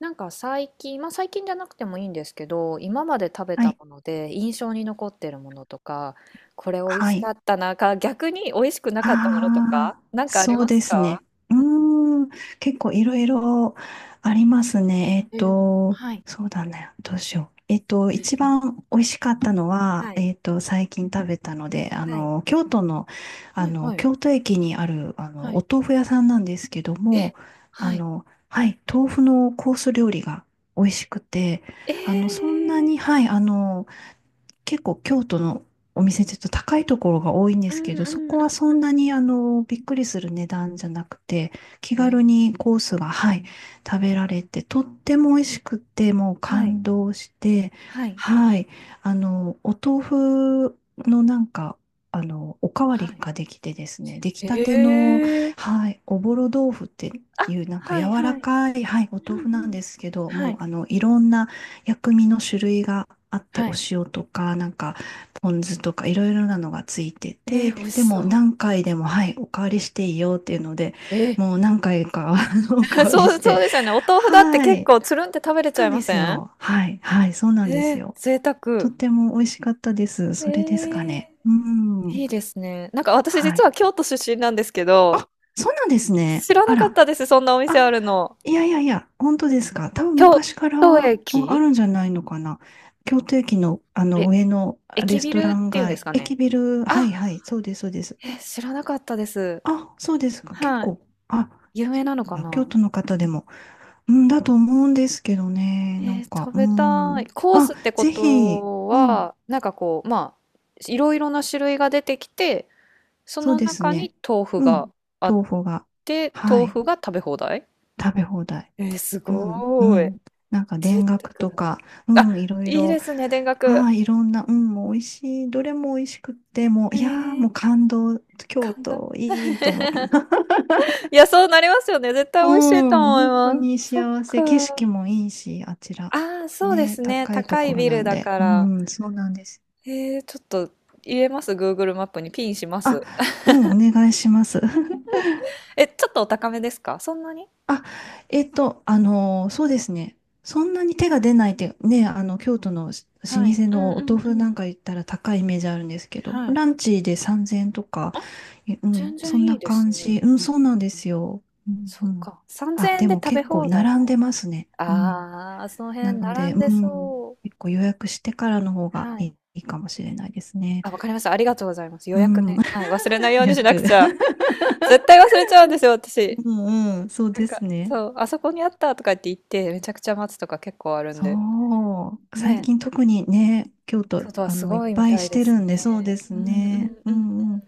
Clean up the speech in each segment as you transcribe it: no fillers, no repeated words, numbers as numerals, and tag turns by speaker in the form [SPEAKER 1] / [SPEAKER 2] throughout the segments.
[SPEAKER 1] なんか最近、まあ最近じゃなくてもいいんですけど、今まで食べ
[SPEAKER 2] は
[SPEAKER 1] た
[SPEAKER 2] い。
[SPEAKER 1] もので印象に残ってるものとか、これ美味
[SPEAKER 2] は
[SPEAKER 1] しか
[SPEAKER 2] い。
[SPEAKER 1] ったなか、逆に美味しくなかったものとか、
[SPEAKER 2] ああ、
[SPEAKER 1] なんかあり
[SPEAKER 2] そう
[SPEAKER 1] ま
[SPEAKER 2] で
[SPEAKER 1] す
[SPEAKER 2] す
[SPEAKER 1] か？
[SPEAKER 2] ね。うーん。結構いろいろありますね。
[SPEAKER 1] えー、はい、
[SPEAKER 2] そうだね。どうしよう。一
[SPEAKER 1] はい、
[SPEAKER 2] 番美味しかったのは、
[SPEAKER 1] はい。
[SPEAKER 2] 最近食べたので、
[SPEAKER 1] は
[SPEAKER 2] 京都の、
[SPEAKER 1] い、はい、
[SPEAKER 2] 京都駅にある、
[SPEAKER 1] は
[SPEAKER 2] お
[SPEAKER 1] い。
[SPEAKER 2] 豆腐屋さんなんですけども、
[SPEAKER 1] え、はい。
[SPEAKER 2] はい、豆腐のコース料理が美味しくて、そ
[SPEAKER 1] え
[SPEAKER 2] んなに、はい、結構京都のお店ってちょっと高いところが多いんですけど、そこはそんなにびっくりする値段じゃなくて、気
[SPEAKER 1] ー、え
[SPEAKER 2] 軽
[SPEAKER 1] ー、
[SPEAKER 2] にコースが、はい、食べられて、とっても美味しくて、もう
[SPEAKER 1] はい、
[SPEAKER 2] 感動して、
[SPEAKER 1] はい。
[SPEAKER 2] はい、お豆腐のおかわ
[SPEAKER 1] は
[SPEAKER 2] り
[SPEAKER 1] い。
[SPEAKER 2] ができてですね、出来たて
[SPEAKER 1] へ
[SPEAKER 2] の、
[SPEAKER 1] え。
[SPEAKER 2] はい、おぼろ豆腐って
[SPEAKER 1] あ、
[SPEAKER 2] いう、
[SPEAKER 1] はい、
[SPEAKER 2] 柔ら
[SPEAKER 1] はい。
[SPEAKER 2] かい、はい、お豆腐なんですけど、
[SPEAKER 1] は
[SPEAKER 2] もう
[SPEAKER 1] い、
[SPEAKER 2] いろんな、薬味の種類があって、
[SPEAKER 1] は
[SPEAKER 2] お
[SPEAKER 1] い。
[SPEAKER 2] 塩とか、ポン酢とか、いろいろなのがついてて、
[SPEAKER 1] 美味し
[SPEAKER 2] で
[SPEAKER 1] そ
[SPEAKER 2] も
[SPEAKER 1] う。
[SPEAKER 2] 何回でも、はい、おかわりしていいよっていうので、
[SPEAKER 1] え
[SPEAKER 2] もう何回か おかわり
[SPEAKER 1] そ
[SPEAKER 2] し
[SPEAKER 1] う、そう
[SPEAKER 2] て、
[SPEAKER 1] ですよね。お豆腐だって
[SPEAKER 2] は
[SPEAKER 1] 結
[SPEAKER 2] い、
[SPEAKER 1] 構つるんって食べれ
[SPEAKER 2] そ
[SPEAKER 1] ち
[SPEAKER 2] う
[SPEAKER 1] ゃ
[SPEAKER 2] な
[SPEAKER 1] い
[SPEAKER 2] んで
[SPEAKER 1] ま
[SPEAKER 2] す
[SPEAKER 1] せん？
[SPEAKER 2] よ。はい、はい、そうなんで
[SPEAKER 1] え
[SPEAKER 2] す
[SPEAKER 1] え、
[SPEAKER 2] よ。
[SPEAKER 1] 贅
[SPEAKER 2] とっ
[SPEAKER 1] 沢。
[SPEAKER 2] ても美味しかったです。
[SPEAKER 1] え
[SPEAKER 2] それですか
[SPEAKER 1] え、
[SPEAKER 2] ね。うん、
[SPEAKER 1] いいですね。なんか私
[SPEAKER 2] は
[SPEAKER 1] 実
[SPEAKER 2] い。
[SPEAKER 1] は京都出身なんですけど、
[SPEAKER 2] あ、そうなんですね。
[SPEAKER 1] 知ら
[SPEAKER 2] あ
[SPEAKER 1] なかっ
[SPEAKER 2] ら。
[SPEAKER 1] たです、そんなお店
[SPEAKER 2] あ、
[SPEAKER 1] あるの。
[SPEAKER 2] いやいやいや、本当ですか。多分
[SPEAKER 1] 京
[SPEAKER 2] 昔から
[SPEAKER 1] 都
[SPEAKER 2] もあ
[SPEAKER 1] 駅
[SPEAKER 2] るんじゃないのかな。京都駅の、あの
[SPEAKER 1] え、
[SPEAKER 2] 上のレ
[SPEAKER 1] 駅
[SPEAKER 2] ス
[SPEAKER 1] ビ
[SPEAKER 2] トラ
[SPEAKER 1] ル
[SPEAKER 2] ン
[SPEAKER 1] っていうんです
[SPEAKER 2] 街、
[SPEAKER 1] か
[SPEAKER 2] 駅
[SPEAKER 1] ね？
[SPEAKER 2] ビル、は
[SPEAKER 1] あ、
[SPEAKER 2] いはい、そうです、そうです。
[SPEAKER 1] え、知らなかったです。
[SPEAKER 2] あ、そうですか。結
[SPEAKER 1] はい。
[SPEAKER 2] 構、あ、
[SPEAKER 1] 有名
[SPEAKER 2] そう
[SPEAKER 1] なのか
[SPEAKER 2] なんだ。京
[SPEAKER 1] な？
[SPEAKER 2] 都の方でも、うん、だと思うんですけどね。なんか、
[SPEAKER 1] 食
[SPEAKER 2] う
[SPEAKER 1] べたい。
[SPEAKER 2] ん。
[SPEAKER 1] コース
[SPEAKER 2] あ、
[SPEAKER 1] ってこ
[SPEAKER 2] ぜひ、
[SPEAKER 1] と
[SPEAKER 2] うん、
[SPEAKER 1] は、なんかこう、まあ、いろいろな種類が出てきて、そ
[SPEAKER 2] そう
[SPEAKER 1] の
[SPEAKER 2] です
[SPEAKER 1] 中
[SPEAKER 2] ね。
[SPEAKER 1] に豆腐
[SPEAKER 2] うん、
[SPEAKER 1] があっ
[SPEAKER 2] 豆腐が、
[SPEAKER 1] て、
[SPEAKER 2] は
[SPEAKER 1] 豆
[SPEAKER 2] い、
[SPEAKER 1] 腐が食べ放題？
[SPEAKER 2] 食べ放題。
[SPEAKER 1] す
[SPEAKER 2] う
[SPEAKER 1] ご
[SPEAKER 2] ん、う
[SPEAKER 1] ーい。
[SPEAKER 2] ん。なんか田
[SPEAKER 1] 贅
[SPEAKER 2] 楽
[SPEAKER 1] 沢
[SPEAKER 2] と
[SPEAKER 1] だ。
[SPEAKER 2] か、う
[SPEAKER 1] あ、
[SPEAKER 2] ん、いろい
[SPEAKER 1] いい
[SPEAKER 2] ろ、
[SPEAKER 1] ですね、田楽。
[SPEAKER 2] ああ、いろんな、うん、もう美味しい、どれも美味しくって、もう、
[SPEAKER 1] へ
[SPEAKER 2] いやー、も
[SPEAKER 1] え、
[SPEAKER 2] う感動、京
[SPEAKER 1] 感動。
[SPEAKER 2] 都、いいと思って。
[SPEAKER 1] いや、そうなりますよね。絶対
[SPEAKER 2] う
[SPEAKER 1] 美味しいと
[SPEAKER 2] ん、
[SPEAKER 1] 思い
[SPEAKER 2] 本当
[SPEAKER 1] ま
[SPEAKER 2] に
[SPEAKER 1] す。そっ
[SPEAKER 2] 幸せ、景
[SPEAKER 1] か。
[SPEAKER 2] 色もいいし、あちら。
[SPEAKER 1] ああ、そうで
[SPEAKER 2] ね、
[SPEAKER 1] すね。
[SPEAKER 2] 高いと
[SPEAKER 1] 高い
[SPEAKER 2] ころ
[SPEAKER 1] ビ
[SPEAKER 2] な
[SPEAKER 1] ル
[SPEAKER 2] ん
[SPEAKER 1] だ
[SPEAKER 2] で。
[SPEAKER 1] か
[SPEAKER 2] う
[SPEAKER 1] ら。
[SPEAKER 2] ん、そうなんです。
[SPEAKER 1] ちょっと入れます、 Google マップにピンしま
[SPEAKER 2] あ、
[SPEAKER 1] す。
[SPEAKER 2] うん、お願いします。
[SPEAKER 1] え、ちょっとお高めですか、そんなに？
[SPEAKER 2] あ、そうですね。そんなに手が出ないって、ね、京都の老舗
[SPEAKER 1] はい。うん
[SPEAKER 2] の
[SPEAKER 1] う
[SPEAKER 2] お豆
[SPEAKER 1] ん
[SPEAKER 2] 腐な
[SPEAKER 1] う
[SPEAKER 2] ん
[SPEAKER 1] ん。
[SPEAKER 2] か行ったら高いイメージあるんですけど、
[SPEAKER 1] はい。
[SPEAKER 2] ランチで3000円とか、
[SPEAKER 1] あ、
[SPEAKER 2] えうん、
[SPEAKER 1] 全
[SPEAKER 2] そ
[SPEAKER 1] 然
[SPEAKER 2] ん
[SPEAKER 1] い
[SPEAKER 2] な
[SPEAKER 1] いで
[SPEAKER 2] 感
[SPEAKER 1] すね。
[SPEAKER 2] じ。うん、そうなんですよ。うん、
[SPEAKER 1] そ
[SPEAKER 2] う
[SPEAKER 1] っ
[SPEAKER 2] ん。
[SPEAKER 1] か。
[SPEAKER 2] あ、
[SPEAKER 1] 3000 円
[SPEAKER 2] で
[SPEAKER 1] で
[SPEAKER 2] も
[SPEAKER 1] 食べ
[SPEAKER 2] 結構
[SPEAKER 1] 放題
[SPEAKER 2] 並ん
[SPEAKER 1] な
[SPEAKER 2] で
[SPEAKER 1] ら。
[SPEAKER 2] ますね。うん。
[SPEAKER 1] ああ、その
[SPEAKER 2] な
[SPEAKER 1] 辺
[SPEAKER 2] ので、
[SPEAKER 1] 並ん
[SPEAKER 2] う
[SPEAKER 1] で
[SPEAKER 2] ん、
[SPEAKER 1] そ
[SPEAKER 2] 結構予約してからの方
[SPEAKER 1] う。
[SPEAKER 2] が
[SPEAKER 1] は
[SPEAKER 2] い
[SPEAKER 1] い。
[SPEAKER 2] い、いいかもしれないですね。
[SPEAKER 1] あ、わかりました。ありがとうございます。予
[SPEAKER 2] う
[SPEAKER 1] 約
[SPEAKER 2] ん、
[SPEAKER 1] ね。はい。忘れない よう
[SPEAKER 2] 予
[SPEAKER 1] にしなく
[SPEAKER 2] 約。
[SPEAKER 1] ちゃ。絶対忘れちゃうんですよ、私。
[SPEAKER 2] うん、うん、そう
[SPEAKER 1] なん
[SPEAKER 2] で
[SPEAKER 1] か、
[SPEAKER 2] すね。
[SPEAKER 1] そう、あそこにあったとかって言って、めちゃくちゃ待つとか結構あるん
[SPEAKER 2] そ
[SPEAKER 1] で。
[SPEAKER 2] う。最
[SPEAKER 1] ね。
[SPEAKER 2] 近特にね、京都、
[SPEAKER 1] 外はす
[SPEAKER 2] いっ
[SPEAKER 1] ごいみ
[SPEAKER 2] ぱい
[SPEAKER 1] たい
[SPEAKER 2] し
[SPEAKER 1] で
[SPEAKER 2] て
[SPEAKER 1] す
[SPEAKER 2] るんで、そうで
[SPEAKER 1] ね。
[SPEAKER 2] す
[SPEAKER 1] うんう
[SPEAKER 2] ね。
[SPEAKER 1] ん
[SPEAKER 2] う
[SPEAKER 1] うん。
[SPEAKER 2] んうん。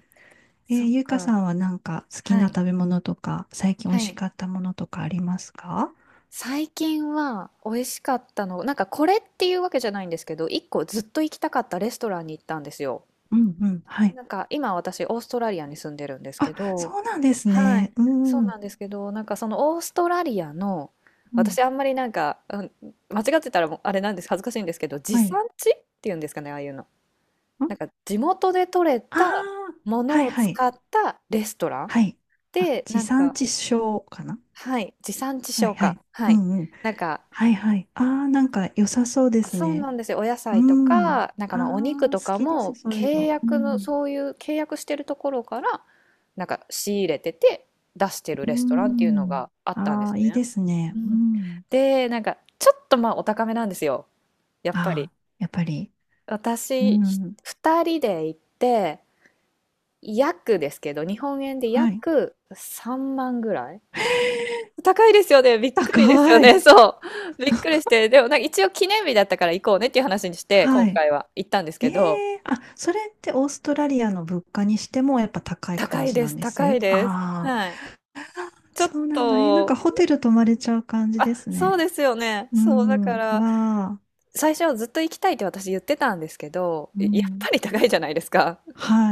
[SPEAKER 1] そっ
[SPEAKER 2] ゆいかさ
[SPEAKER 1] か。
[SPEAKER 2] んはなんか好き
[SPEAKER 1] は
[SPEAKER 2] な
[SPEAKER 1] い。
[SPEAKER 2] 食べ物とか、最近美味
[SPEAKER 1] は
[SPEAKER 2] し
[SPEAKER 1] い。
[SPEAKER 2] かったものとかありますか？
[SPEAKER 1] 最近は美味しかったの、なんかこれっていうわけじゃないんですけど、一個ずっと行きたかったレストランに行ったんですよ。
[SPEAKER 2] うんうん。はい。
[SPEAKER 1] なんか今私オーストラリアに住んでるんですけ
[SPEAKER 2] あ、
[SPEAKER 1] ど、
[SPEAKER 2] そうなんです
[SPEAKER 1] はい、
[SPEAKER 2] ね。う
[SPEAKER 1] そ
[SPEAKER 2] ん
[SPEAKER 1] う
[SPEAKER 2] う
[SPEAKER 1] な
[SPEAKER 2] ん。
[SPEAKER 1] んですけど、なんかそのオーストラリアの、
[SPEAKER 2] うん。
[SPEAKER 1] 私あんまりなんか、うん、間違ってたらもうあれなんです、恥ずかしいんですけど、地
[SPEAKER 2] はい。
[SPEAKER 1] 産地っていうんですかね、ああいうの。
[SPEAKER 2] ん
[SPEAKER 1] なんか地元で採れ
[SPEAKER 2] ああ
[SPEAKER 1] たも
[SPEAKER 2] ー、
[SPEAKER 1] の
[SPEAKER 2] はい
[SPEAKER 1] を
[SPEAKER 2] はい。
[SPEAKER 1] 使ったレストラン
[SPEAKER 2] はい。あ、
[SPEAKER 1] で、
[SPEAKER 2] 地
[SPEAKER 1] なん
[SPEAKER 2] 産
[SPEAKER 1] か、
[SPEAKER 2] 地消かな？
[SPEAKER 1] はい、地産地
[SPEAKER 2] はい
[SPEAKER 1] 消
[SPEAKER 2] は
[SPEAKER 1] か。
[SPEAKER 2] い。
[SPEAKER 1] は
[SPEAKER 2] う
[SPEAKER 1] い。
[SPEAKER 2] んうん。
[SPEAKER 1] なんか、
[SPEAKER 2] はいはい。ああ、なんか良さそうです
[SPEAKER 1] そう
[SPEAKER 2] ね。
[SPEAKER 1] なんですよ。お野
[SPEAKER 2] う
[SPEAKER 1] 菜と
[SPEAKER 2] ん。
[SPEAKER 1] か、なんか
[SPEAKER 2] あ
[SPEAKER 1] まあお肉
[SPEAKER 2] あ、
[SPEAKER 1] と
[SPEAKER 2] 好
[SPEAKER 1] か
[SPEAKER 2] きです、
[SPEAKER 1] も
[SPEAKER 2] そういう
[SPEAKER 1] 契
[SPEAKER 2] の。う
[SPEAKER 1] 約の、
[SPEAKER 2] ん。
[SPEAKER 1] そういう契約してるところから、なんか仕入れてて出してる
[SPEAKER 2] うー
[SPEAKER 1] レストランっていうの
[SPEAKER 2] ん。
[SPEAKER 1] があったんで
[SPEAKER 2] あ
[SPEAKER 1] す
[SPEAKER 2] あ、いい
[SPEAKER 1] ね。
[SPEAKER 2] ですね。
[SPEAKER 1] う
[SPEAKER 2] う
[SPEAKER 1] ん。
[SPEAKER 2] ん。
[SPEAKER 1] で、なんか、ちょっとまあお高めなんですよ。やっぱり。
[SPEAKER 2] ああ、やっぱり。う
[SPEAKER 1] 私、
[SPEAKER 2] ん。
[SPEAKER 1] 2人で行って、約ですけど、日本円で
[SPEAKER 2] はい。
[SPEAKER 1] 約3万ぐらい。高いですよね。びっくりですよ
[SPEAKER 2] 高
[SPEAKER 1] ね。
[SPEAKER 2] い。
[SPEAKER 1] そう。びっくりして。でも、なんか一応記念日だったから行こうねっていう話にして、今
[SPEAKER 2] はい。
[SPEAKER 1] 回は行ったんですけど、
[SPEAKER 2] ええ、あ、それってオーストラリアの物価にしてもやっぱ高い感
[SPEAKER 1] 高い
[SPEAKER 2] じ
[SPEAKER 1] で
[SPEAKER 2] なん
[SPEAKER 1] す。
[SPEAKER 2] で
[SPEAKER 1] 高
[SPEAKER 2] す。
[SPEAKER 1] いです。
[SPEAKER 2] ああ、
[SPEAKER 1] はい。ちょっ
[SPEAKER 2] そうなんだ。なんか
[SPEAKER 1] と、
[SPEAKER 2] ホテル泊まれちゃう感じで
[SPEAKER 1] あ、
[SPEAKER 2] す
[SPEAKER 1] そう
[SPEAKER 2] ね。
[SPEAKER 1] ですよね。
[SPEAKER 2] う
[SPEAKER 1] そう、だか
[SPEAKER 2] ん。
[SPEAKER 1] ら、
[SPEAKER 2] わあ。
[SPEAKER 1] 最初ずっと行きたいって私言ってたんですけど、
[SPEAKER 2] う
[SPEAKER 1] やっ
[SPEAKER 2] ん。
[SPEAKER 1] ぱり高いじゃないですか。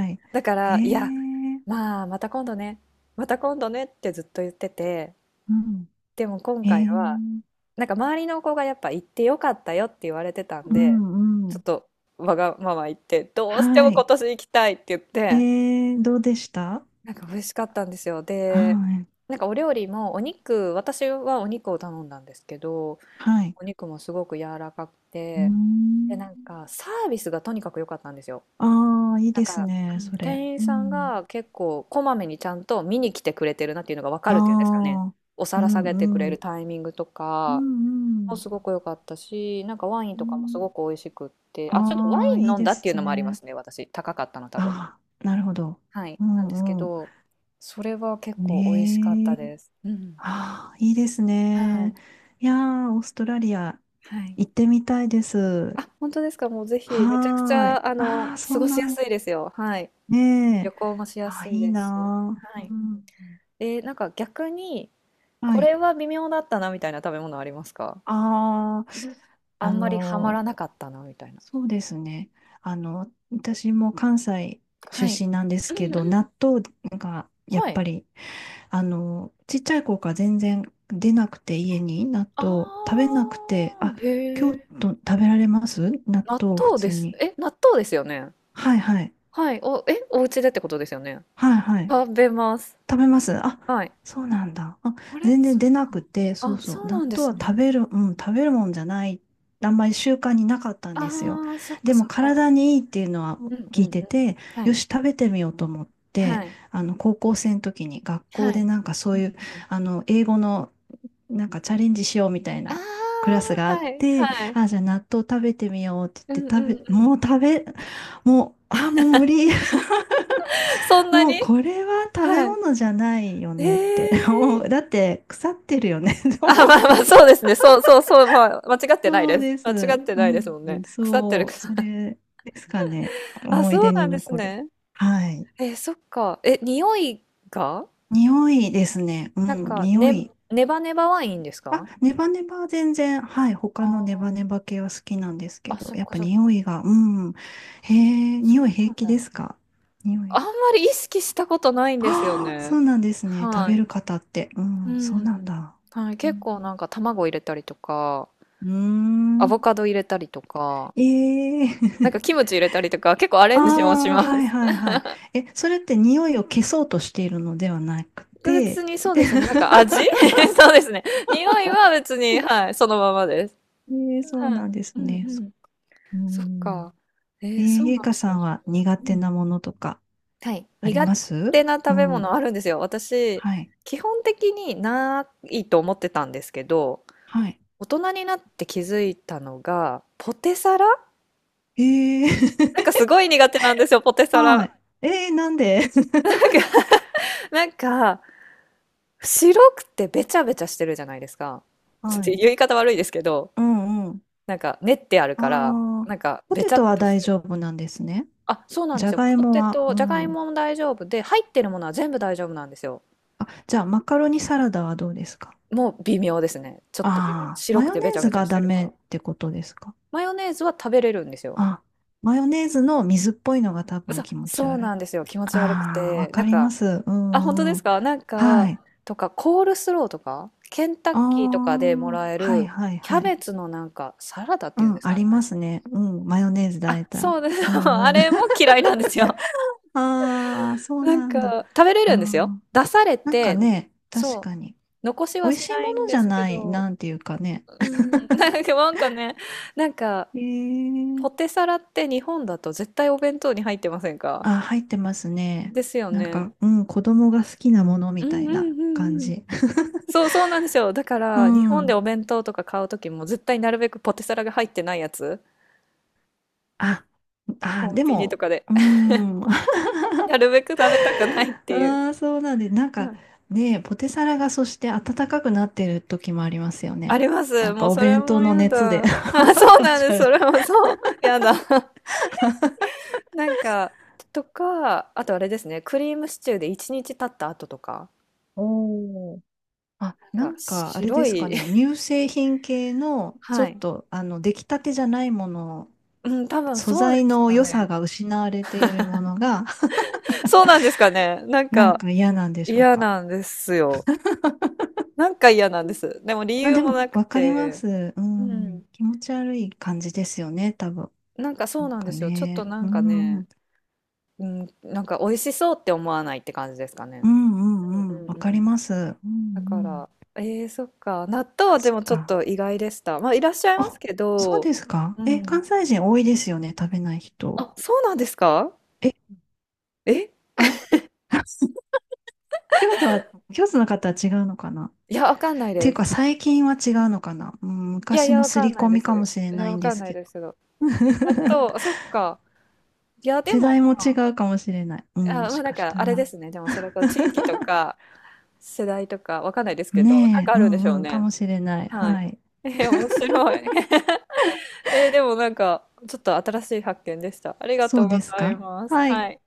[SPEAKER 2] は
[SPEAKER 1] だか
[SPEAKER 2] い。え
[SPEAKER 1] ら、いや、
[SPEAKER 2] え、
[SPEAKER 1] まあ、また今度ね、また今度ねってずっと言ってて、
[SPEAKER 2] う
[SPEAKER 1] でも今
[SPEAKER 2] ん。え
[SPEAKER 1] 回は、
[SPEAKER 2] え、
[SPEAKER 1] なんか周りの子がやっぱ行ってよかったよって言われてたん
[SPEAKER 2] う
[SPEAKER 1] で、
[SPEAKER 2] んう
[SPEAKER 1] ちょ
[SPEAKER 2] ん。
[SPEAKER 1] っとわがまま言って、どうして
[SPEAKER 2] は
[SPEAKER 1] も今
[SPEAKER 2] い。
[SPEAKER 1] 年行きたいって言って、
[SPEAKER 2] ええ、どうでした？
[SPEAKER 1] なんか美味しかったんですよ。
[SPEAKER 2] は
[SPEAKER 1] で、
[SPEAKER 2] い。
[SPEAKER 1] なんかお料理もお肉、私はお肉を頼んだんですけど、
[SPEAKER 2] はい。
[SPEAKER 1] お肉もすごく柔らかく
[SPEAKER 2] うー
[SPEAKER 1] て、で、
[SPEAKER 2] ん。
[SPEAKER 1] なんかサービスがとにかく良かったんですよ。
[SPEAKER 2] ああ、いい
[SPEAKER 1] なん
[SPEAKER 2] です
[SPEAKER 1] か、う
[SPEAKER 2] ね、
[SPEAKER 1] ん、
[SPEAKER 2] それ。
[SPEAKER 1] 店員
[SPEAKER 2] う
[SPEAKER 1] さん
[SPEAKER 2] ん。
[SPEAKER 1] が結構こまめにちゃんと見に来てくれてるなっていうのがわか
[SPEAKER 2] あ
[SPEAKER 1] るっていうんですかね。
[SPEAKER 2] あ、
[SPEAKER 1] お
[SPEAKER 2] う
[SPEAKER 1] 皿下げてくれ
[SPEAKER 2] んう
[SPEAKER 1] る
[SPEAKER 2] ん。
[SPEAKER 1] タイミングと
[SPEAKER 2] う
[SPEAKER 1] かも
[SPEAKER 2] ん
[SPEAKER 1] すごく良かったし、なんかワイン
[SPEAKER 2] う
[SPEAKER 1] とかもすご
[SPEAKER 2] ん。
[SPEAKER 1] く美味しくって、あ、ちょっとワ
[SPEAKER 2] ああ
[SPEAKER 1] イ
[SPEAKER 2] ー、
[SPEAKER 1] ン
[SPEAKER 2] いい
[SPEAKER 1] 飲ん
[SPEAKER 2] で
[SPEAKER 1] だっていう
[SPEAKER 2] す
[SPEAKER 1] のもありま
[SPEAKER 2] ね。
[SPEAKER 1] すね、私。高かったの多分。
[SPEAKER 2] ああ、なるほど。
[SPEAKER 1] はい。
[SPEAKER 2] う
[SPEAKER 1] なんですけ
[SPEAKER 2] んう
[SPEAKER 1] ど、それは結
[SPEAKER 2] ん。
[SPEAKER 1] 構美味しかっ
[SPEAKER 2] ね
[SPEAKER 1] た
[SPEAKER 2] え。
[SPEAKER 1] です。うん。
[SPEAKER 2] ああ、いいです
[SPEAKER 1] は
[SPEAKER 2] ね。
[SPEAKER 1] い。
[SPEAKER 2] いやー、オーストラリア
[SPEAKER 1] はい。
[SPEAKER 2] 行ってみたいです。
[SPEAKER 1] あ、本当ですか。もうぜひ、めちゃくち
[SPEAKER 2] はーい。
[SPEAKER 1] ゃ、
[SPEAKER 2] ああ、そ
[SPEAKER 1] 過
[SPEAKER 2] う
[SPEAKER 1] ご
[SPEAKER 2] な
[SPEAKER 1] しや
[SPEAKER 2] ん
[SPEAKER 1] す
[SPEAKER 2] だ。
[SPEAKER 1] いですよ。はい。
[SPEAKER 2] ね
[SPEAKER 1] 旅
[SPEAKER 2] え。
[SPEAKER 1] 行もしや
[SPEAKER 2] ああ、
[SPEAKER 1] すい
[SPEAKER 2] いい
[SPEAKER 1] ですし。
[SPEAKER 2] な
[SPEAKER 1] は
[SPEAKER 2] ー。
[SPEAKER 1] い。
[SPEAKER 2] うん。
[SPEAKER 1] なんか逆に、
[SPEAKER 2] は
[SPEAKER 1] これ
[SPEAKER 2] い。
[SPEAKER 1] は微妙だったなみたいな食べ物ありますか？
[SPEAKER 2] ああ、
[SPEAKER 1] あ
[SPEAKER 2] あ
[SPEAKER 1] んまりハマ
[SPEAKER 2] の
[SPEAKER 1] ら
[SPEAKER 2] ー
[SPEAKER 1] なかったなみたいな。
[SPEAKER 2] そうですね。私も関西出
[SPEAKER 1] はい。
[SPEAKER 2] 身なんで
[SPEAKER 1] う
[SPEAKER 2] すけ
[SPEAKER 1] んう
[SPEAKER 2] ど、
[SPEAKER 1] ん。
[SPEAKER 2] 納豆がやっ
[SPEAKER 1] は
[SPEAKER 2] ぱ
[SPEAKER 1] い。
[SPEAKER 2] り、ちっちゃい頃から全然出なくて、家に納
[SPEAKER 1] あ
[SPEAKER 2] 豆食べなくて、
[SPEAKER 1] あ、
[SPEAKER 2] あ、
[SPEAKER 1] へ
[SPEAKER 2] 京
[SPEAKER 1] え。
[SPEAKER 2] 都食べられます納
[SPEAKER 1] 納
[SPEAKER 2] 豆普
[SPEAKER 1] 豆で
[SPEAKER 2] 通
[SPEAKER 1] す。
[SPEAKER 2] に？
[SPEAKER 1] え、納豆ですよね。
[SPEAKER 2] はいはい。
[SPEAKER 1] はい。お家でってことですよね。
[SPEAKER 2] はいはい。
[SPEAKER 1] 食べます。
[SPEAKER 2] 食べます。あ、
[SPEAKER 1] はい。
[SPEAKER 2] そうなんだ。あ、
[SPEAKER 1] あれ
[SPEAKER 2] 全然
[SPEAKER 1] そっ
[SPEAKER 2] 出なく
[SPEAKER 1] か。
[SPEAKER 2] て、そう
[SPEAKER 1] あ、
[SPEAKER 2] そう。
[SPEAKER 1] そう
[SPEAKER 2] 納
[SPEAKER 1] なんで
[SPEAKER 2] 豆
[SPEAKER 1] す
[SPEAKER 2] は
[SPEAKER 1] ね。
[SPEAKER 2] 食べる、うん、食べるもんじゃない。あんまり習慣になかったんですよ。
[SPEAKER 1] ああ、そっか
[SPEAKER 2] で
[SPEAKER 1] そ
[SPEAKER 2] も
[SPEAKER 1] っか。
[SPEAKER 2] 体にいいっていうのは
[SPEAKER 1] うんう
[SPEAKER 2] 聞
[SPEAKER 1] んう
[SPEAKER 2] い
[SPEAKER 1] ん。
[SPEAKER 2] てて、
[SPEAKER 1] は
[SPEAKER 2] よ
[SPEAKER 1] い。
[SPEAKER 2] し、食べてみようと思って、
[SPEAKER 1] はい。
[SPEAKER 2] 高校生の時に学校
[SPEAKER 1] は
[SPEAKER 2] で
[SPEAKER 1] い。
[SPEAKER 2] なんかそ
[SPEAKER 1] う
[SPEAKER 2] う
[SPEAKER 1] ん
[SPEAKER 2] いう、
[SPEAKER 1] うん。
[SPEAKER 2] 英語のなんかチャレンジしようみたい
[SPEAKER 1] あ
[SPEAKER 2] なクラスが
[SPEAKER 1] あ、
[SPEAKER 2] あっ
[SPEAKER 1] はい。
[SPEAKER 2] て、
[SPEAKER 1] はい。
[SPEAKER 2] あ、じゃあ納豆食べてみようって
[SPEAKER 1] う
[SPEAKER 2] 言
[SPEAKER 1] んうん
[SPEAKER 2] って食べ、
[SPEAKER 1] う
[SPEAKER 2] もう
[SPEAKER 1] ん。
[SPEAKER 2] 食べ、もう、あ、もう無理。
[SPEAKER 1] そんな
[SPEAKER 2] も
[SPEAKER 1] に？
[SPEAKER 2] うこれは食べ
[SPEAKER 1] はい。
[SPEAKER 2] 物じゃないよねって。もうだ
[SPEAKER 1] ええ、
[SPEAKER 2] って腐ってるよね と
[SPEAKER 1] あ、
[SPEAKER 2] 思っ
[SPEAKER 1] まあまあ、
[SPEAKER 2] て。
[SPEAKER 1] そうですね。そうそうそう、まあ、間違ってない
[SPEAKER 2] そう
[SPEAKER 1] です。
[SPEAKER 2] です。
[SPEAKER 1] 間違っ
[SPEAKER 2] う
[SPEAKER 1] てないですもんね。
[SPEAKER 2] ん、
[SPEAKER 1] 腐ってる、
[SPEAKER 2] そう。そ れですかね。
[SPEAKER 1] あ、
[SPEAKER 2] 思い
[SPEAKER 1] そう
[SPEAKER 2] 出
[SPEAKER 1] な
[SPEAKER 2] に
[SPEAKER 1] んです
[SPEAKER 2] 残る。
[SPEAKER 1] ね。
[SPEAKER 2] はい。
[SPEAKER 1] そっか。え、匂いが
[SPEAKER 2] 匂いですね。う
[SPEAKER 1] なん
[SPEAKER 2] ん、
[SPEAKER 1] か、
[SPEAKER 2] 匂
[SPEAKER 1] ね、
[SPEAKER 2] い。
[SPEAKER 1] ネバネバワインです
[SPEAKER 2] あ、
[SPEAKER 1] か？
[SPEAKER 2] ネバネバは全然、はい。他のネバネバ系は好きなんですけ
[SPEAKER 1] あ、
[SPEAKER 2] ど、
[SPEAKER 1] そっ
[SPEAKER 2] やっ
[SPEAKER 1] か
[SPEAKER 2] ぱ
[SPEAKER 1] そっ
[SPEAKER 2] 匂
[SPEAKER 1] か。
[SPEAKER 2] いが、うん。へえ、
[SPEAKER 1] そう
[SPEAKER 2] 匂い平
[SPEAKER 1] なん
[SPEAKER 2] 気で
[SPEAKER 1] だ。
[SPEAKER 2] すか？匂
[SPEAKER 1] あ
[SPEAKER 2] い。
[SPEAKER 1] んまり意識したことないんですよ
[SPEAKER 2] ああ、
[SPEAKER 1] ね。
[SPEAKER 2] そうなんですね。食
[SPEAKER 1] は
[SPEAKER 2] べ
[SPEAKER 1] い。
[SPEAKER 2] る方って。う
[SPEAKER 1] う
[SPEAKER 2] ん、そう
[SPEAKER 1] ん。
[SPEAKER 2] なんだ。
[SPEAKER 1] はい。
[SPEAKER 2] う
[SPEAKER 1] 結
[SPEAKER 2] ん
[SPEAKER 1] 構なんか卵入れたりとか、
[SPEAKER 2] うー
[SPEAKER 1] アボ
[SPEAKER 2] ん。
[SPEAKER 1] カド入れたりとか、
[SPEAKER 2] ええ
[SPEAKER 1] なんかキ ムチ入れたりとか、結構アレンジもし
[SPEAKER 2] ああ、
[SPEAKER 1] ま
[SPEAKER 2] はい
[SPEAKER 1] す。
[SPEAKER 2] はいはい。え、それって匂いを消そうとしているのではなく
[SPEAKER 1] 別
[SPEAKER 2] て、
[SPEAKER 1] にそう
[SPEAKER 2] で、
[SPEAKER 1] ですね。なんか味 そうですね。匂いは別に、はい、そのままです。
[SPEAKER 2] ええ、そ
[SPEAKER 1] は
[SPEAKER 2] うな
[SPEAKER 1] い。
[SPEAKER 2] んで
[SPEAKER 1] う
[SPEAKER 2] す
[SPEAKER 1] ん
[SPEAKER 2] ね。
[SPEAKER 1] う
[SPEAKER 2] そ
[SPEAKER 1] ん。
[SPEAKER 2] う。う
[SPEAKER 1] そっ
[SPEAKER 2] ん。
[SPEAKER 1] か。
[SPEAKER 2] ええ、
[SPEAKER 1] そうな
[SPEAKER 2] ゆ
[SPEAKER 1] ん
[SPEAKER 2] いか
[SPEAKER 1] です
[SPEAKER 2] さ
[SPEAKER 1] ね。
[SPEAKER 2] んは苦
[SPEAKER 1] う
[SPEAKER 2] 手
[SPEAKER 1] ん。
[SPEAKER 2] なものとか
[SPEAKER 1] はい。
[SPEAKER 2] あり
[SPEAKER 1] 苦
[SPEAKER 2] ます？
[SPEAKER 1] 手な
[SPEAKER 2] う
[SPEAKER 1] 食べ
[SPEAKER 2] ん。
[SPEAKER 1] 物あるんですよ。私、
[SPEAKER 2] はい。
[SPEAKER 1] 基本的にないと思ってたんですけど、
[SPEAKER 2] はい。
[SPEAKER 1] 大人になって気づいたのが、ポテサラ
[SPEAKER 2] え
[SPEAKER 1] なん
[SPEAKER 2] え
[SPEAKER 1] かすごい苦手なんですよ、ポテ サ
[SPEAKER 2] は
[SPEAKER 1] ラ。
[SPEAKER 2] い。ええ、なんで？
[SPEAKER 1] なんか、なんか、白くてべちゃべちゃしてるじゃないですか。ちょっ
[SPEAKER 2] は
[SPEAKER 1] と
[SPEAKER 2] い。
[SPEAKER 1] 言い方悪いですけど、
[SPEAKER 2] うんうん。
[SPEAKER 1] なんか練ってあるから、
[SPEAKER 2] ああ、
[SPEAKER 1] なんか
[SPEAKER 2] ポ
[SPEAKER 1] べ
[SPEAKER 2] テ
[SPEAKER 1] ちゃっ
[SPEAKER 2] トは
[SPEAKER 1] とし
[SPEAKER 2] 大
[SPEAKER 1] て
[SPEAKER 2] 丈
[SPEAKER 1] る。
[SPEAKER 2] 夫なんですね。
[SPEAKER 1] あ、そうなん
[SPEAKER 2] じ
[SPEAKER 1] で
[SPEAKER 2] ゃ
[SPEAKER 1] すよ。
[SPEAKER 2] がい
[SPEAKER 1] ポ
[SPEAKER 2] も
[SPEAKER 1] テ
[SPEAKER 2] は、う
[SPEAKER 1] ト、じゃがい
[SPEAKER 2] ん。
[SPEAKER 1] もも大丈夫で、入ってるものは全部大丈夫なんですよ。
[SPEAKER 2] あ、じゃあ、マカロニサラダはどうですか？
[SPEAKER 1] もう微妙ですね。ちょっと微妙。
[SPEAKER 2] ああ、
[SPEAKER 1] 白
[SPEAKER 2] マ
[SPEAKER 1] く
[SPEAKER 2] ヨ
[SPEAKER 1] て
[SPEAKER 2] ネ
[SPEAKER 1] べち
[SPEAKER 2] ー
[SPEAKER 1] ゃ
[SPEAKER 2] ズ
[SPEAKER 1] べちゃ
[SPEAKER 2] が
[SPEAKER 1] し
[SPEAKER 2] ダ
[SPEAKER 1] てるか
[SPEAKER 2] メ
[SPEAKER 1] ら。
[SPEAKER 2] ってことですか？
[SPEAKER 1] マヨネーズは食べれるんですよ。
[SPEAKER 2] あ、マヨネーズの水っぽいのが多分気持ち
[SPEAKER 1] そう
[SPEAKER 2] 悪い。
[SPEAKER 1] なんですよ。気持ち悪く
[SPEAKER 2] ああ、わ
[SPEAKER 1] て。な
[SPEAKER 2] か
[SPEAKER 1] ん
[SPEAKER 2] りま
[SPEAKER 1] か、
[SPEAKER 2] す。う
[SPEAKER 1] あ、本当
[SPEAKER 2] ん
[SPEAKER 1] で
[SPEAKER 2] う
[SPEAKER 1] す
[SPEAKER 2] ん。
[SPEAKER 1] か？なん
[SPEAKER 2] は
[SPEAKER 1] か、
[SPEAKER 2] い。
[SPEAKER 1] とか、コールスローとか、ケンタッ
[SPEAKER 2] あ
[SPEAKER 1] キーとかでも
[SPEAKER 2] あ、
[SPEAKER 1] らえ
[SPEAKER 2] はい
[SPEAKER 1] る、
[SPEAKER 2] はい
[SPEAKER 1] キャ
[SPEAKER 2] はい。
[SPEAKER 1] ベツのなんか、サラダっ
[SPEAKER 2] う
[SPEAKER 1] ていうんで
[SPEAKER 2] ん、
[SPEAKER 1] す
[SPEAKER 2] あ
[SPEAKER 1] かね。
[SPEAKER 2] りますね。うん、マヨネーズだえ
[SPEAKER 1] あ、
[SPEAKER 2] た。
[SPEAKER 1] そうです。
[SPEAKER 2] う
[SPEAKER 1] あ
[SPEAKER 2] んうん。
[SPEAKER 1] れも嫌いなんですよ。
[SPEAKER 2] ああ、そう
[SPEAKER 1] なん
[SPEAKER 2] なんだ。
[SPEAKER 1] か、食べれ
[SPEAKER 2] あ
[SPEAKER 1] るんですよ。
[SPEAKER 2] あ、
[SPEAKER 1] 出され
[SPEAKER 2] なんか
[SPEAKER 1] て、
[SPEAKER 2] ね、
[SPEAKER 1] そ
[SPEAKER 2] 確
[SPEAKER 1] う。
[SPEAKER 2] かに。
[SPEAKER 1] 残しは
[SPEAKER 2] 美味
[SPEAKER 1] し
[SPEAKER 2] しい
[SPEAKER 1] な
[SPEAKER 2] も
[SPEAKER 1] いん
[SPEAKER 2] のじ
[SPEAKER 1] で
[SPEAKER 2] ゃ
[SPEAKER 1] すけ
[SPEAKER 2] ない、
[SPEAKER 1] ど、
[SPEAKER 2] なんていうかね。
[SPEAKER 1] うん、なんか、
[SPEAKER 2] え
[SPEAKER 1] ポテ
[SPEAKER 2] え、
[SPEAKER 1] サラって日本だと絶対お弁当に入ってませんか？
[SPEAKER 2] あ、入ってますね。
[SPEAKER 1] ですよ
[SPEAKER 2] なん
[SPEAKER 1] ね。
[SPEAKER 2] か、うん、子供が好きなもの
[SPEAKER 1] う
[SPEAKER 2] みた
[SPEAKER 1] ん
[SPEAKER 2] い
[SPEAKER 1] う
[SPEAKER 2] な
[SPEAKER 1] んう
[SPEAKER 2] 感
[SPEAKER 1] んうん。
[SPEAKER 2] じ。
[SPEAKER 1] そうそうなんですよ。だか
[SPEAKER 2] う
[SPEAKER 1] ら、日本で
[SPEAKER 2] ん。
[SPEAKER 1] お弁当とか買うときも絶対なるべくポテサラが入ってないやつ、
[SPEAKER 2] あ、
[SPEAKER 1] コ
[SPEAKER 2] あ、
[SPEAKER 1] ン
[SPEAKER 2] で
[SPEAKER 1] ビニと
[SPEAKER 2] も、
[SPEAKER 1] かで。
[SPEAKER 2] う ん。あ
[SPEAKER 1] なるべく食べたくないっていう。
[SPEAKER 2] あ、そうなんで、なん
[SPEAKER 1] う
[SPEAKER 2] か
[SPEAKER 1] ん、
[SPEAKER 2] ね、ポテサラがそして暖かくなってる時もありますよ
[SPEAKER 1] あ
[SPEAKER 2] ね。
[SPEAKER 1] りま
[SPEAKER 2] な
[SPEAKER 1] す。
[SPEAKER 2] ん
[SPEAKER 1] も
[SPEAKER 2] か
[SPEAKER 1] う
[SPEAKER 2] お
[SPEAKER 1] それ
[SPEAKER 2] 弁当
[SPEAKER 1] も
[SPEAKER 2] の
[SPEAKER 1] や
[SPEAKER 2] 熱
[SPEAKER 1] だ。
[SPEAKER 2] で
[SPEAKER 1] あ、そ
[SPEAKER 2] 気
[SPEAKER 1] う
[SPEAKER 2] 持
[SPEAKER 1] なん
[SPEAKER 2] ち
[SPEAKER 1] です。
[SPEAKER 2] 悪い。
[SPEAKER 1] それもそう。やだ。なんか、とか、あとあれですね、クリームシチューで1日経った後とか、
[SPEAKER 2] おーあ、
[SPEAKER 1] な
[SPEAKER 2] な
[SPEAKER 1] んか
[SPEAKER 2] んかあれで
[SPEAKER 1] 白
[SPEAKER 2] すか
[SPEAKER 1] い
[SPEAKER 2] ね、乳製品系のちょ
[SPEAKER 1] は
[SPEAKER 2] っ
[SPEAKER 1] い。
[SPEAKER 2] と出来たてじゃないもの
[SPEAKER 1] うん、多分
[SPEAKER 2] 素
[SPEAKER 1] そうで
[SPEAKER 2] 材
[SPEAKER 1] す
[SPEAKER 2] の
[SPEAKER 1] か
[SPEAKER 2] 良さ
[SPEAKER 1] ね。
[SPEAKER 2] が失われているものが、
[SPEAKER 1] そうなんですかね。なん
[SPEAKER 2] なん
[SPEAKER 1] か
[SPEAKER 2] か嫌なんでしょう
[SPEAKER 1] 嫌
[SPEAKER 2] か。
[SPEAKER 1] なんですよ。なんか嫌なんです。でも理
[SPEAKER 2] あ、
[SPEAKER 1] 由
[SPEAKER 2] で
[SPEAKER 1] も
[SPEAKER 2] も、
[SPEAKER 1] なく
[SPEAKER 2] わかりま
[SPEAKER 1] て、
[SPEAKER 2] す。う
[SPEAKER 1] う
[SPEAKER 2] ん。
[SPEAKER 1] ん。
[SPEAKER 2] 気持ち悪い感じですよね、多分。
[SPEAKER 1] なんか
[SPEAKER 2] な
[SPEAKER 1] そう
[SPEAKER 2] ん
[SPEAKER 1] なん
[SPEAKER 2] か
[SPEAKER 1] ですよ。ちょっと
[SPEAKER 2] ね。
[SPEAKER 1] な
[SPEAKER 2] う
[SPEAKER 1] んか
[SPEAKER 2] ん。う
[SPEAKER 1] ね、
[SPEAKER 2] ん
[SPEAKER 1] うん、なんか美味しそうって思わないって感じですかね。
[SPEAKER 2] う
[SPEAKER 1] う
[SPEAKER 2] んうん。
[SPEAKER 1] んうん
[SPEAKER 2] わか
[SPEAKER 1] う
[SPEAKER 2] り
[SPEAKER 1] ん。
[SPEAKER 2] ます。うんう
[SPEAKER 1] だか
[SPEAKER 2] ん。
[SPEAKER 1] ら、そっか。納豆
[SPEAKER 2] あ、
[SPEAKER 1] はで
[SPEAKER 2] そっ
[SPEAKER 1] もちょっ
[SPEAKER 2] か。
[SPEAKER 1] と意外でした。まあ、いらっしゃいま
[SPEAKER 2] あ、
[SPEAKER 1] すけ
[SPEAKER 2] そう
[SPEAKER 1] ど、
[SPEAKER 2] ですか。
[SPEAKER 1] う
[SPEAKER 2] え、
[SPEAKER 1] ん。
[SPEAKER 2] 関西人多いですよね、食べない人。
[SPEAKER 1] あ、そうなんですか？
[SPEAKER 2] え、
[SPEAKER 1] え
[SPEAKER 2] あれ 京都は、京都の方は違うのかなっ
[SPEAKER 1] いや、わかんない
[SPEAKER 2] てい
[SPEAKER 1] で
[SPEAKER 2] うか、
[SPEAKER 1] す。
[SPEAKER 2] 最近は違うのかな、うん、
[SPEAKER 1] いやい
[SPEAKER 2] 昔
[SPEAKER 1] や、
[SPEAKER 2] の
[SPEAKER 1] わ
[SPEAKER 2] 刷
[SPEAKER 1] か
[SPEAKER 2] り
[SPEAKER 1] んな
[SPEAKER 2] 込
[SPEAKER 1] いで
[SPEAKER 2] み
[SPEAKER 1] す。
[SPEAKER 2] かもしれ
[SPEAKER 1] い
[SPEAKER 2] な
[SPEAKER 1] や、
[SPEAKER 2] い
[SPEAKER 1] わ
[SPEAKER 2] んで
[SPEAKER 1] かん
[SPEAKER 2] す
[SPEAKER 1] ない
[SPEAKER 2] けど。
[SPEAKER 1] ですけど。あと、そっか。いや、で
[SPEAKER 2] 世
[SPEAKER 1] も
[SPEAKER 2] 代も
[SPEAKER 1] ま
[SPEAKER 2] 違
[SPEAKER 1] あ、
[SPEAKER 2] うかもしれない。う
[SPEAKER 1] あ、
[SPEAKER 2] ん、も
[SPEAKER 1] ま
[SPEAKER 2] し
[SPEAKER 1] あなん
[SPEAKER 2] かし
[SPEAKER 1] か、
[SPEAKER 2] た
[SPEAKER 1] あれで
[SPEAKER 2] ら。
[SPEAKER 1] すね。でも、それから地域と か、世代とか、わかんないですけど、なん
[SPEAKER 2] ね
[SPEAKER 1] か
[SPEAKER 2] え、う
[SPEAKER 1] あるんでしょ
[SPEAKER 2] ん
[SPEAKER 1] う
[SPEAKER 2] うん、か
[SPEAKER 1] ね。
[SPEAKER 2] もしれない。
[SPEAKER 1] はい。
[SPEAKER 2] はい。
[SPEAKER 1] 面白い。でもなんか、ちょっと新しい発見でした。ありが
[SPEAKER 2] そ
[SPEAKER 1] と
[SPEAKER 2] う
[SPEAKER 1] うご
[SPEAKER 2] です
[SPEAKER 1] ざ
[SPEAKER 2] か？
[SPEAKER 1] います。
[SPEAKER 2] はい。
[SPEAKER 1] はい。